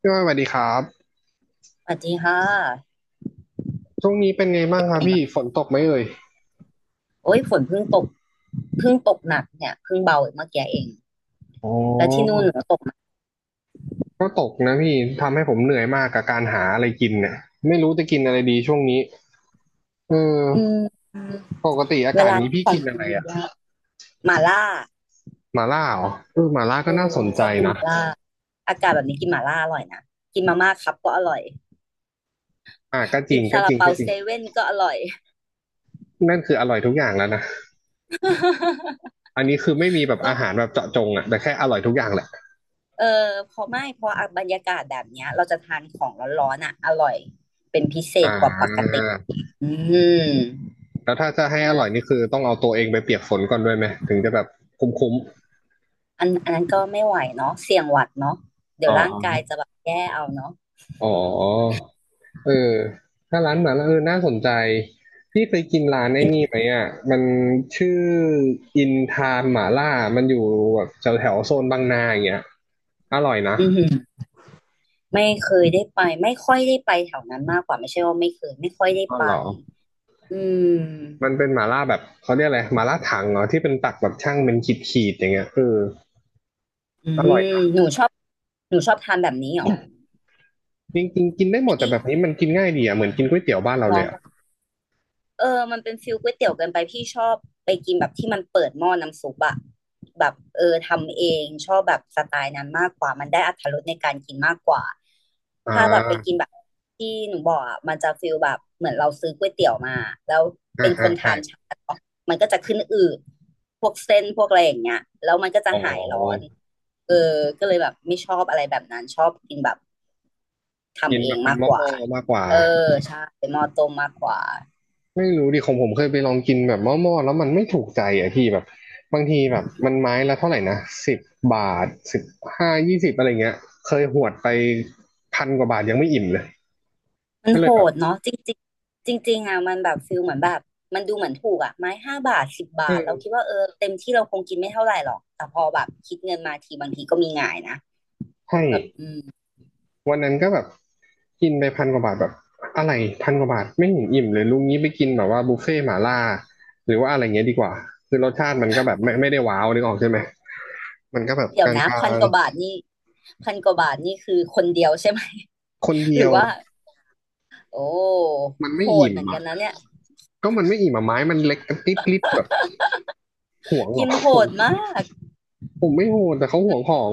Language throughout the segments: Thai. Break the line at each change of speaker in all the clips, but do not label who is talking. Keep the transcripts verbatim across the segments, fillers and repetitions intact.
พี่ว่าสวัสดีครับ
สวัสดีค่ะ
ช่วงนี้เป็นไงบ้า
เป็
ง
น
ครั
ไง
บพี่
บ้าง
ฝนตกไหมเอ่ย
โอ้ยฝนเพิ่งตกเพิ่งตกหนักเนี่ยเพิ่งเบาเมื่อกี้เอง
อ๋อ
แล้วที่นู่นหนูตกไหม
ก็ตกนะพี่ทำให้ผมเหนื่อยมากกับการหาอะไรกินเนี่ยไม่รู้จะกินอะไรดีช่วงนี้เอ
อื
อ
ม
ปกติอา
เว
กาศ
ลา
นี้พี่
ขอ
กิ
ง
นอะ
กิ
ไร
น
อ่ะ
ยากหม่าล่า
หมาล่าเหรอเออหมาล่า
เอ
ก็น่า
อ
สน
พี่ช
ใจ
อบกินห
นะ
ม่าล่าอากาศแบบนี้กินหม่าล่าอร่อยนะกินมาม่าครับก็อร่อย
อ่ะก็จ
กิ
ริ
น
งก็
ซา
จ
ลา
ริง
เปา
ก็จริ
เซ
ง
เว่นก็อร่อย
นั่นคืออร่อยทุกอย่างแล้วนะ อันนี้คือไม่มีแบบ
ก็
อาหารแบบเจาะจงอ่ะแต่แค่อร่อยทุกอย่างแหละ
เออพอไม่พออ่ะบรรยากาศแบบเนี้ยเราจะทานของร้อนๆอ่ะอร่อยเป็นพิเศ
อ่
ษกว่าปก
า
ติอืม
แล้วถ้าจะให้อร่อยนี่คือต้องเอาตัวเองไปเปียกฝนก่อนด้วยไหมถึงจะแบบคุ้ม
อันอันนั้นก็ไม่ไหวเนาะเสี่ยงหวัดเนาะ
ๆ
เดี๋
อ๋
ย
อ
วร่างกายจะแบบแย่เอาเนาะ
อ๋อ เออถ้าร้านหมาล่าเออน่าสนใจพี่เคยกินร้านไอ้
อื
นี่ไหม
ม
อ่ะมันชื่ออินทานหมาล่ามันอยู่แบบแถวแถวโซนบางนาอย่างเงี้ยอร่อยนะ
อือหือไม่เคยได้ไปไม่ค่อยได้ไปแถวนั้นมากกว่าไม่ใช่ว่าไม่เคยไม่ค่อยได้
อ๋อ
ไป
เหรอ
อื
มันเป็
ม
นหมาล่าแบบเขาเรียกอะไรหมาล่าถังเหรอที่เป็นตักแบบช่างเป็นขีดขีดอย่างเงี้ยเออ
อื
อร่อย
ม
นะ
หนูชอบหนูชอบทานแบบนี้เหรอ
จริงจริงกินได้หมดแต่
พี่
แบบนี้มันกินง่ายดีอ่ะเหมือนกินก๋วยเตี๋ยวบ้านเรา
ล
เล
อ
ย
ง
อ่ะ
เออมันเป็นฟิลก๋วยเตี๋ยวเกินไปพี่ชอบไปกินแบบที่มันเปิดหม้อน้ำซุปอะแบบเออทำเองชอบแบบสไตล์นั้นมากกว่ามันได้อรรถรสในการกินมากกว่า
อ่
ถ้าแบบไปกิน
า
แบบที่หนูบอกอะมันจะฟิลแบบเหมือนเราซื้อก๋วยเตี๋ยวมาแล้ว
อ่า
เป็นค
อ่า
น
ใช่
ทานช้าเนอะมันก็จะขึ้นอืดพวกเส้นพวกอะไรอย่างเงี้ยแล้วมันก็จะ
อ๋อ
หายร้อนเออก็เลยแบบไม่ชอบอะไรแบบนั้นชอบกินแบบ
กิน
ทำเอ
แบ
ง
บเป็น
มาก
ห
กว่า
ม้อๆมากกว่า
เออใช่หม้อต้มมากกว่า
ไม่รู้ดิของผมเคยไปลองกินแบบหม้อๆแล้วมันไม่ถูกใจอ่ะพี่แบบบางทีแบบมันไม้ละเท่าไหร่นะสิบบาทสิบห้ายี่สิบอะไรเงี้ยเคยหวดไปพันกว่าบาทยังไม่อิ่มเลย
มัน
ก็เล
โห
ยแบบ
ดเนาะจริงจริงจริงจริงๆอ่ะมันแบบฟิลเหมือนแบบมันดูเหมือนถูกอ่ะไม้ห้าบาทสิบบาทเรา
เออ
คิดว่าเออเต็มที่เราคงกินไม่เท่าไหร่หรอกแต่พอแบบคิดเงินมาทีบางทีก็มีหงายนะ
ให้
แบบอืม
วันนั้นก็แบบกินไปพันกว่าบาทแบบอะไรพันกว่าบาทไม่เห็นอิ่มเลยลุงนี้ไปกินแบบว่าบุฟเฟ่ต์หม่าล่าหรือว่าอะไรเงี้ยดีกว่าคือรสชาติมันก็แบบไม่ไม่ได้ว้าวนึกออกใช่ไหมมันก็แบบ
เดี๋ย
ก
วนะ
ลา
พัน
ง
กว่าบาทนี่พันกว่าบาทนี่คือคนเดียวใช่ไหม
ๆคน
ห
เดี
รื
ย
อ
ว
ว่าโอ้
มัน
โห
ไม่
ด
อิ่ม
เหมือน
อ่ะ
กันนะเนี่ย
ก็มันไม่อิ่มอ่ะไม้มันเล็กกระติ๊บๆแบบ ห่วงหร
กิ
อ
นโห
ผม
ดมาก
ผมไม่โหดแต่เขาห่วงของ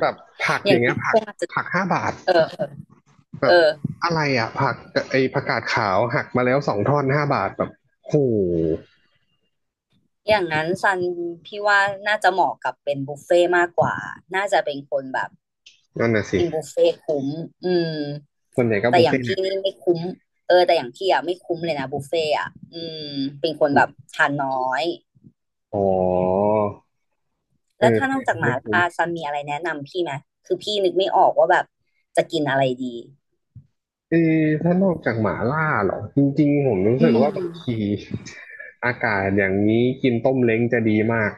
แบบผัก
อ
อ
ย่าง
ย่างเงี้ยผั
ค
ก
งอาจจะ
ผักห้าบาท
เออเออ
แบ
เอ
บ
อ
อะไรอ่ะผักไอผักกาดขาวหักมาแล้วสองท่อนห้าบาทแบบโห
อย่างนั้นซันพี่ว่าน่าจะเหมาะกับเป็นบุฟเฟ่ต์มากกว่าน่าจะเป็นคนแบบ
นั่นน่ะสิ
กินบุฟเฟ่ต์คุ้มอืม
ส่วนใหญ่ก็
แต่
บุฟ
อย่า
เฟ่
ง
ต์เนี่
พี่
ย
นี่ไม่คุ้มเออแต่อย่างพี่อ่ะไม่คุ้มเลยนะบุฟเฟ่ต์อ่ะอืมเป็นคนแบบทานน้อย
อ๋อเอ
แล้ว
อ
ถ้าน
ใช่
อกจากห
ไม่
มา
คุ้ม
ล่าซันมีอะไรแนะนำพี่ไหมคือพี่นึกไม่ออกว่าแบบจะกินอะไรดี
เออถ้านอกจากหมาล่าเหรอจริงๆผมรู้
อื
สึกว่า
ม
บางทีอากาศอย่างนี้กินต้มเล้งจะดีมาก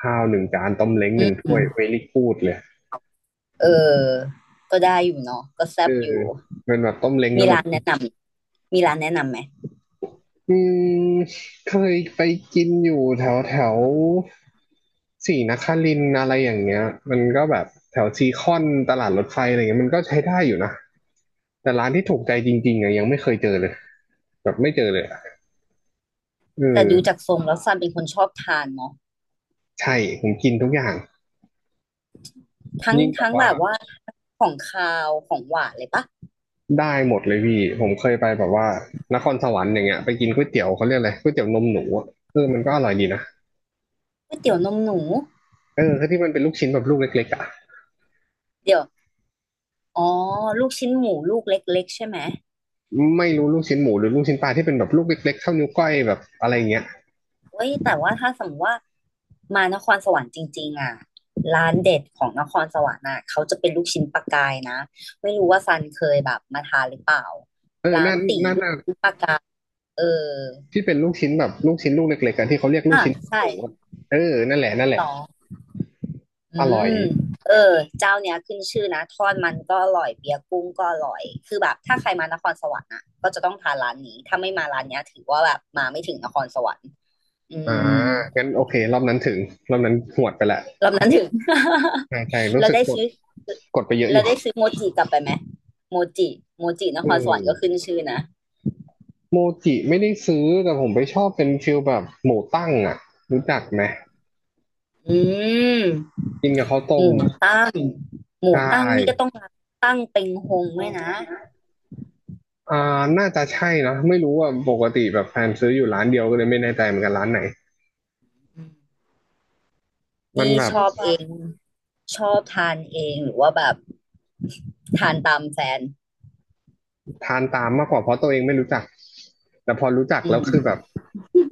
ข้าวหนึ่งจานต้มเล้ง
อ
หนึ่ง
ื
ถ้ว
ม
ยเวล่กูดเลย
เออก็ได้อยู่เนาะก็แซ่
เอ
บ
อ
อยู่
เป็นแบบต้มเล้งแล้
มี
วแบบ
ร้านแนะนำมีร้านแนะนำไหม
อืมเคยไปกินอยู่แถวแถวศรีนครินทร์อะไรอย่างเงี้ยมันก็แบบแถวซีคอนตลาดรถไฟอะไรเงี้ยมันก็ใช้ได้อยู่นะแต่ร้านที่ถูกใจจริงๆอะยังไม่เคยเจอเลยแบบไม่เจอเลยอะเอ
แต่ดู
อ
จากทรงแล้วซันเป็นคนชอบทานเนาะ
ใช่ผมกินทุกอย่าง
ทั้ง
ยิ่งแบบ
ทั้ง
ว่า
แบบว่าของคาวของหวานเลยปะ
ได้หมดเลยพี่ผมเคยไปแบบว่านครสวรรค์อย่างเงี้ยไปกินก๋วยเตี๋ยวเขาเรียกอะไรก๋วยเตี๋ยวนมหนูอะเออมันก็อร่อยดีนะ
ก๋วยเตี๋ยวนมหนู
เออที่มันเป็นลูกชิ้นแบบลูกเล็กๆอ่ะ
เดี๋ยว อ๋อลูกชิ้นหมูลูกเล็กๆใช่ไหม
ไม่รู้ลูกชิ้นหมูหรือลูกชิ้นปลาที่เป็นแบบลูกเล็กๆเท่านิ้วก้อยแบบอะไราเงี้ย
เว้ย แต่ว่าถ้าสมมติว่ามานครสวรรค์จริงๆอ่ะร้านเด็ดของนครสวรรค์อ่ะ เขาจะเป็นลูกชิ้นปลากายนะ ไม่รู้ว่าซันเคยแบบมาทานหรือเปล่า
เออ
ร้า
นั่
น
น
ตี
นั่น
ลูก
น่ะ
ชิ้นปลากายเออ
ที่เป็นลูกชิ้นแบบลูกชิ้นลูกเล็กๆกันที่เขาเรียกลู
อ่ะ
กชิ้น
ใช่
หมูอะเออนั่นแหละนั่นแหละ
ต่ออื
อร่อย
มเออเจ้าเนี้ยขึ้นชื่อนะทอดมันก็อร่อย เบียร์กุ้งก็อร่อย คือแบบถ้าใครมานครสวรรค์อ่ะก็จะต้องทานร้านนี้ถ้าไม่มาร้านเนี้ยถือว่าแบบมาไม่ถึงนครสวรรค์อื
อ่า
ม
งั้นโอเครอบนั้นถึงรอบนั้นหวดไปละ
รอบนั้นถึง
ใช่ใช่ รู้
เรา
สึก
ได้
กด
ซื้อ
กดไปเยอะอ
เรา
ยู่
ได้ซื้อโมจิกลับไปไหม โมจิโมจิน
เอ
ครสวรรค์ก็ขึ้
อ
นชื่อนะ
โมจิไม่ได้ซื้อแต่ผมไปชอบเป็นฟิลแบบหมูตั้งอ่ะรู้จักไหม
อืม
กินกับข้าว
ห
ต้ม
มูตั้ง ห
ใช
มูตั้งนี่ก็
่
ต้องร้านตั้งเป็งฮงด้วยนะ
อ่าน่าจะใช่นะไม่รู้ว่าปกติแบบแฟนซื้ออยู่ร้านเดียวก็เลยไม่แน่ใจเหมือนกันร้านไหน
อืม
มัน
นี่
แบบ
ชอบเอง ชอบทานเองหรือว่าแบบทานตามแฟน
ทานตามมากกว่าเพราะตัวเองไม่รู้จักแต่พอรู้จัก
อื
แล้ว
ม
คือแบบ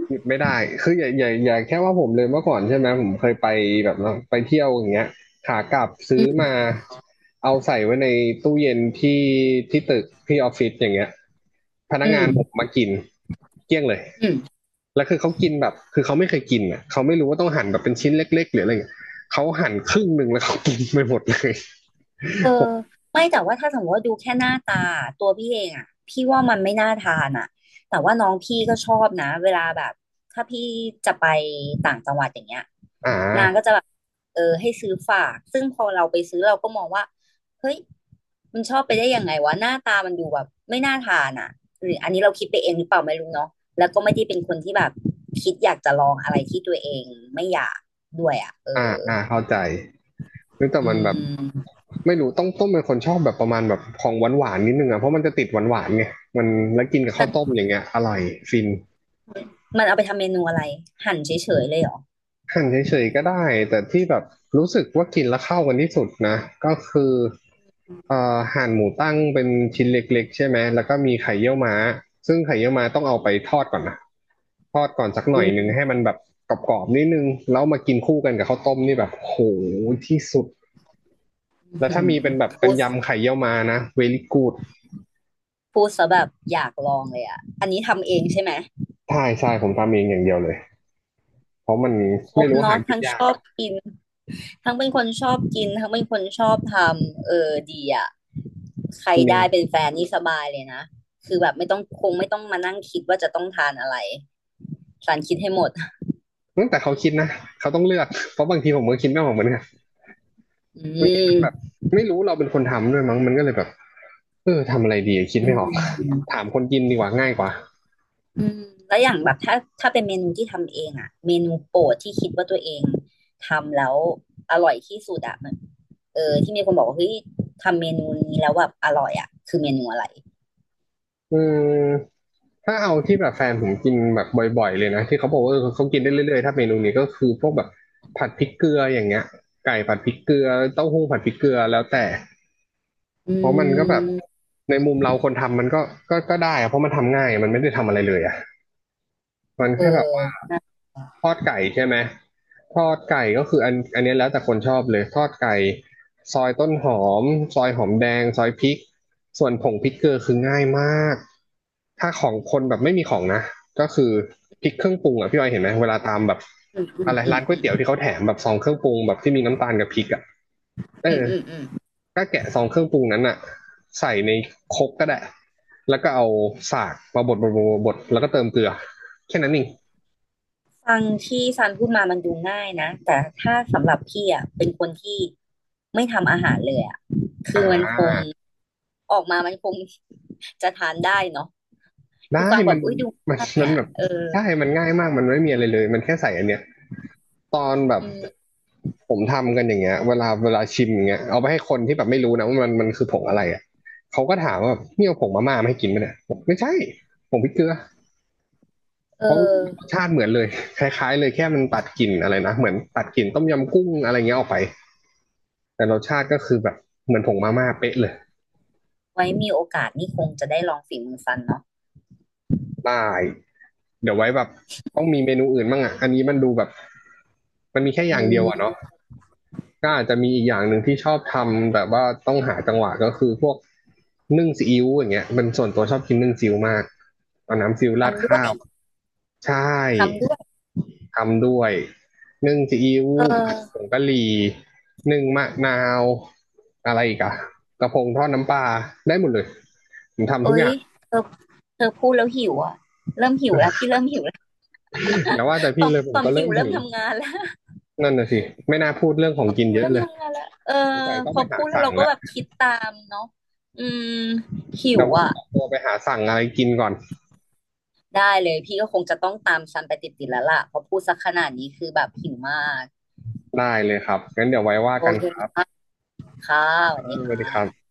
หยุดไม่ได้คืออย่าอย่าอย่าแค่ว่าผมเลยเมื่อก่อนใช่ไหมผมเคยไปแบบว่าไปเที่ยวอย่างเงี้ยขากลับ
อื
ซื้อมา
ม
เอาใส่ไว้ในตู้เย็นที่ที่ตึกที่ออฟฟิศอย่างเงี้ยพนักงานผมมากินเกลี้ยงเลย
อืม
แล้วคือเขากินแบบคือเขาไม่เคยกินอ่ะเขาไม่รู้ว่าต้องหั่นแบบเป็นชิ้นเล็กๆหรืออะไรเงี้ยเขาหั่นครึ่งหนึ่งแล้วเขากินไปหมดเลย
เออไม่แต่ว่าถ้าสมมติว่าดูแค่หน้าตาตัวพี่เองอ่ะพี่ว่ามันไม่น่าทานอ่ะแต่ว่าน้องพี่ก็ชอบนะเวลาแบบถ้าพี่จะไปต่างจังหวัดอย่างเงี้ย
อ่
นางก็
า
จะแบบเออให้ซื้อฝากซึ่งพอเราไปซื้อเราก็มองว่าเฮ้ยมันชอบไปได้ยังไงวะหน้าตามันดูแบบไม่น่าทานอ่ะหรืออันนี้เราคิดไปเองหรือเปล่าไม่รู้เนาะแล้วก็ไม่ได้เป็นคนที่แบบคิดอยากจะลองอะไรที่ตัวเองไม่อยากด้วยอ่ะเอ
อ่า
อ
อ่าเข้าใจ เฮ้ยแต่
อื
มันแบบ
ม
ไม่รู้ต้องต้มเป็นคนชอบแบบประมาณแบบของหวานๆนิดนึงอ่ะเพราะมันจะติดหวานๆไงมันแล้วกินกับข้าวต้มอย่างเงี้ยอร่อยฟิน
มันเอาไปทำเมนูอะไรหั่นเฉยๆเลยเหรอ
หั่นเฉยๆก็ได้แต่ที่แบบรู้สึกว่ากินแล้วเข้ากันที่สุดนะก็คือเอ่อหั่นหมูตั้งเป็นชิ้นเล็กๆใช่ไหมแล้วก็มีไข่เยี่ยวม้าซึ่งไข่เยี่ยวม้าต้องเอาไปทอดก่อนนะทอดก่อนสักห
อื
น่อยหนึ่ง
ม
ให้มันแบบกรอบๆนิดนึงแล้วมากินคู่กันกับข้าวต้มนี่แบบโหที่สุดแล้ว
หื
ถ้า
ม
มีเป็นแบบเป็
พู
น
ด
ยำไข่เยี่ยวม้านะ เวรี่ กู๊ด
พูดซะแบบอยากลองเลยอ่ะอันนี้ทำเองใช่ไหม
ใช่ใช่ผมทำเองอย่างเดียวเลยเพราะมัน
คร
ไม่
บ
รู้หา
เนาะ
กิน
ทั้ง
ยา
ช
ก
อบ
อะ
กินทั้งเป็นคนชอบกินทั้งเป็นคนชอบทำเออดีอ่ะใคร
เนี่
ได้
ย
เป็นแฟนนี่สบายเลยนะคือแบบไม่ต้องคงไม่ต้องมานั่งคิดว่าจะต้องทานอะไรสารคิดให้หมด
ตั้งแต่เขาคิดนะเขาต้องเลือกเพราะบางทีผมก็คิดไม่ออกเหมือนกัน
อื
บางทีมันแบบ
ม
ไม่รู้เราเป็นคนทำด้วยมั้งมันก็เลยแบบเออทำอะไรดีคิด
อื
ไม่ออก
ม
ถามคนกินดีกว่าง่ายกว่า
อืมแล้วอย่างแบบถ้าถ้าเป็นเมนูที่ทำเองอะเมนูโปรดที่คิดว่าตัวเองทำแล้วอร่อยที่สุดอะมันเออที่มีคนบอกว่าเฮ้ยทำเมนูนี้แล้วแบบอร่อยอะคือเมนูอะไร
อืมถ้าเอาที่แบบแฟนผมกินแบบบ่อยๆเลยนะที่เขาบอกว่าเออเขากินได้เรื่อยๆถ้าเมนูนี้ก็คือพวกแบบผัดพริกเกลืออย่างเงี้ยไก่ผัดพริกเกลือเต้าหู้ผัดพริกเกลือแล้วแต่
อื
เพราะมันก็แบบ
ม
ในมุมเราคนทำมันก็ก็ก็ได้อะเพราะมันทำง่ายมันไม่ได้ทำอะไรเลยอะมัน
เอ
แค่แบบว่า
อ
ทอดไก่ใช่ไหมทอดไก่ก็คืออันอันเนี้ยแล้วแต่คนชอบเลยทอดไก่ซอยต้นหอมซอยหอมแดงซอยพริกส่วนผงพริกเกลือคือง่ายมากถ้าของคนแบบไม่มีของนะก็คือพริกเครื่องปรุงอ่ะพี่ออยเห็นไหมเวลาตามแบบ
อืมอื
อะ
ม
ไร
อื
ร้า
ม
นก๋ว
อื
ย
ม
เตี๋ยวที่เขาแถมแบบซองเครื่องปรุงแบบที่มีน้ำตาลกับพริกอ่ะเอ
อืม
อ
อืมอืม
ก็แกะซองเครื่องปรุงนั้นอะใส่ในครกก็ได้แล้วก็เอาสากมาบดบดบดบดแล้วก็เติมเกลือแค่นั้นเอง
ฟังที่ซันพูดมามันดูง่ายนะแต่ถ้าสำหรับพี่อ่ะเป็นคนที่ไม่ทำอาหารเลยอ่ะ
อ่า
ออกมามันคง จะทานได้เนาะคือ
ได้
ฟังแบ
มัน
บอุ้ยดู
มัน
ง่าย
มัน
อ่ะ
แบบ
เออ
ได้มันง่ายมากมันไม่มีอะไรเลยมันแค่ใส่อันเนี้ยตอนแบบ
อืม
ผมทำกันอย่างเงี้ยเวลาเวลาชิมอย่างเงี้ยเอาไปให้คนที่แบบไม่รู้นะว่ามันมันคือผงอะไรอ่ะเขาก็ถามว่านี่เอาผงมาม่ามาให้กินไหมเนี่ยบอกไม่ใช่ผงพริกเกลือ
เอ
เพราะร
อ
สชาติเหมือนเลยคล้ายๆเลยแค่มันตัดกลิ่นอะไรนะเหมือนตัดกลิ่นต้มยำกุ้งอะไรเงี้ยออกไป แต่รสชาติก็คือแบบเหมือนผงมาม่าเป๊ะเลย
ไว้มีโอกาสนี่คงจะได้ลองฝีมือฟันเนาะ
ได้เดี๋ยวไว้แบบต้องมีเมนูอื่นบ้างอ่ะ อันนี้มันดูแบบมันมีแค่อ
อื
ย่างเดียวอ่ะ
ม
เนาะก็อาจจะมีอีกอย่างหนึ่งที่ชอบทำแต่ว่าต้องหาจังหวะก็คือพวกนึ่งซีอิ๊วอย่างเงี้ยมันส่วนตัวชอบกินนึ่งซีอิ๊วมากเอาน้ำซีอิ๊วราด
ทำด้ว
ข้า
ย
ว ใช่
ทำด้วย
ทำด้วยนึ่งซีอิ๊ว
เอ
ผั
อ
ดผงกะหรี่นึ่งมะนาวอะไรอีกอะกระพงทอดน้ำปลาได้หมดเลยผมทำทุก
เอ้
อ
ย
ย่าง
เธอเธอพูดแล้วหิวอ่ะ เริ่มหิวแล้วพี่เริ่มหิวแล้ว
อย่าว่าแต่
ต
พี่
อม
เลยผ
ต
ม
อม
ก็เริ่
หิ
ม
วเริ่
หิ
ม
ว
ทำงานแล้ว
นั่นน่ะสิไม่น่าพูดเรื่องขอ
ต
ง
อม
กิน
หิว
เยอะ
เริ่ม
เลย
ทำงานแล้วเอ
สง
อ
สัยต้อ
พ
ง
อ
ไปหา
พูดแล้ว
สั่ง
เราก็
แล้ว
แบบคิดตามเนาะอืมหิ
เดี๋ย
ว
วผม
อ่ะ
ขอตัวไปหาสั่งอะไรกินก่อน
ได้เลยพี่ก็คงจะต้องตามซันไปติดๆแล้วล่ะเพอพูดสักขนาดนี้คือแบบหิวมาก
ได้เลยครับงั้นเดี๋ยวไว้ว่า
โอ
กัน
เค
ครับ
ค่ะค่ะส
เอ
วัส
อ
ดี
ส
ค่
วัสดีครับ
ะ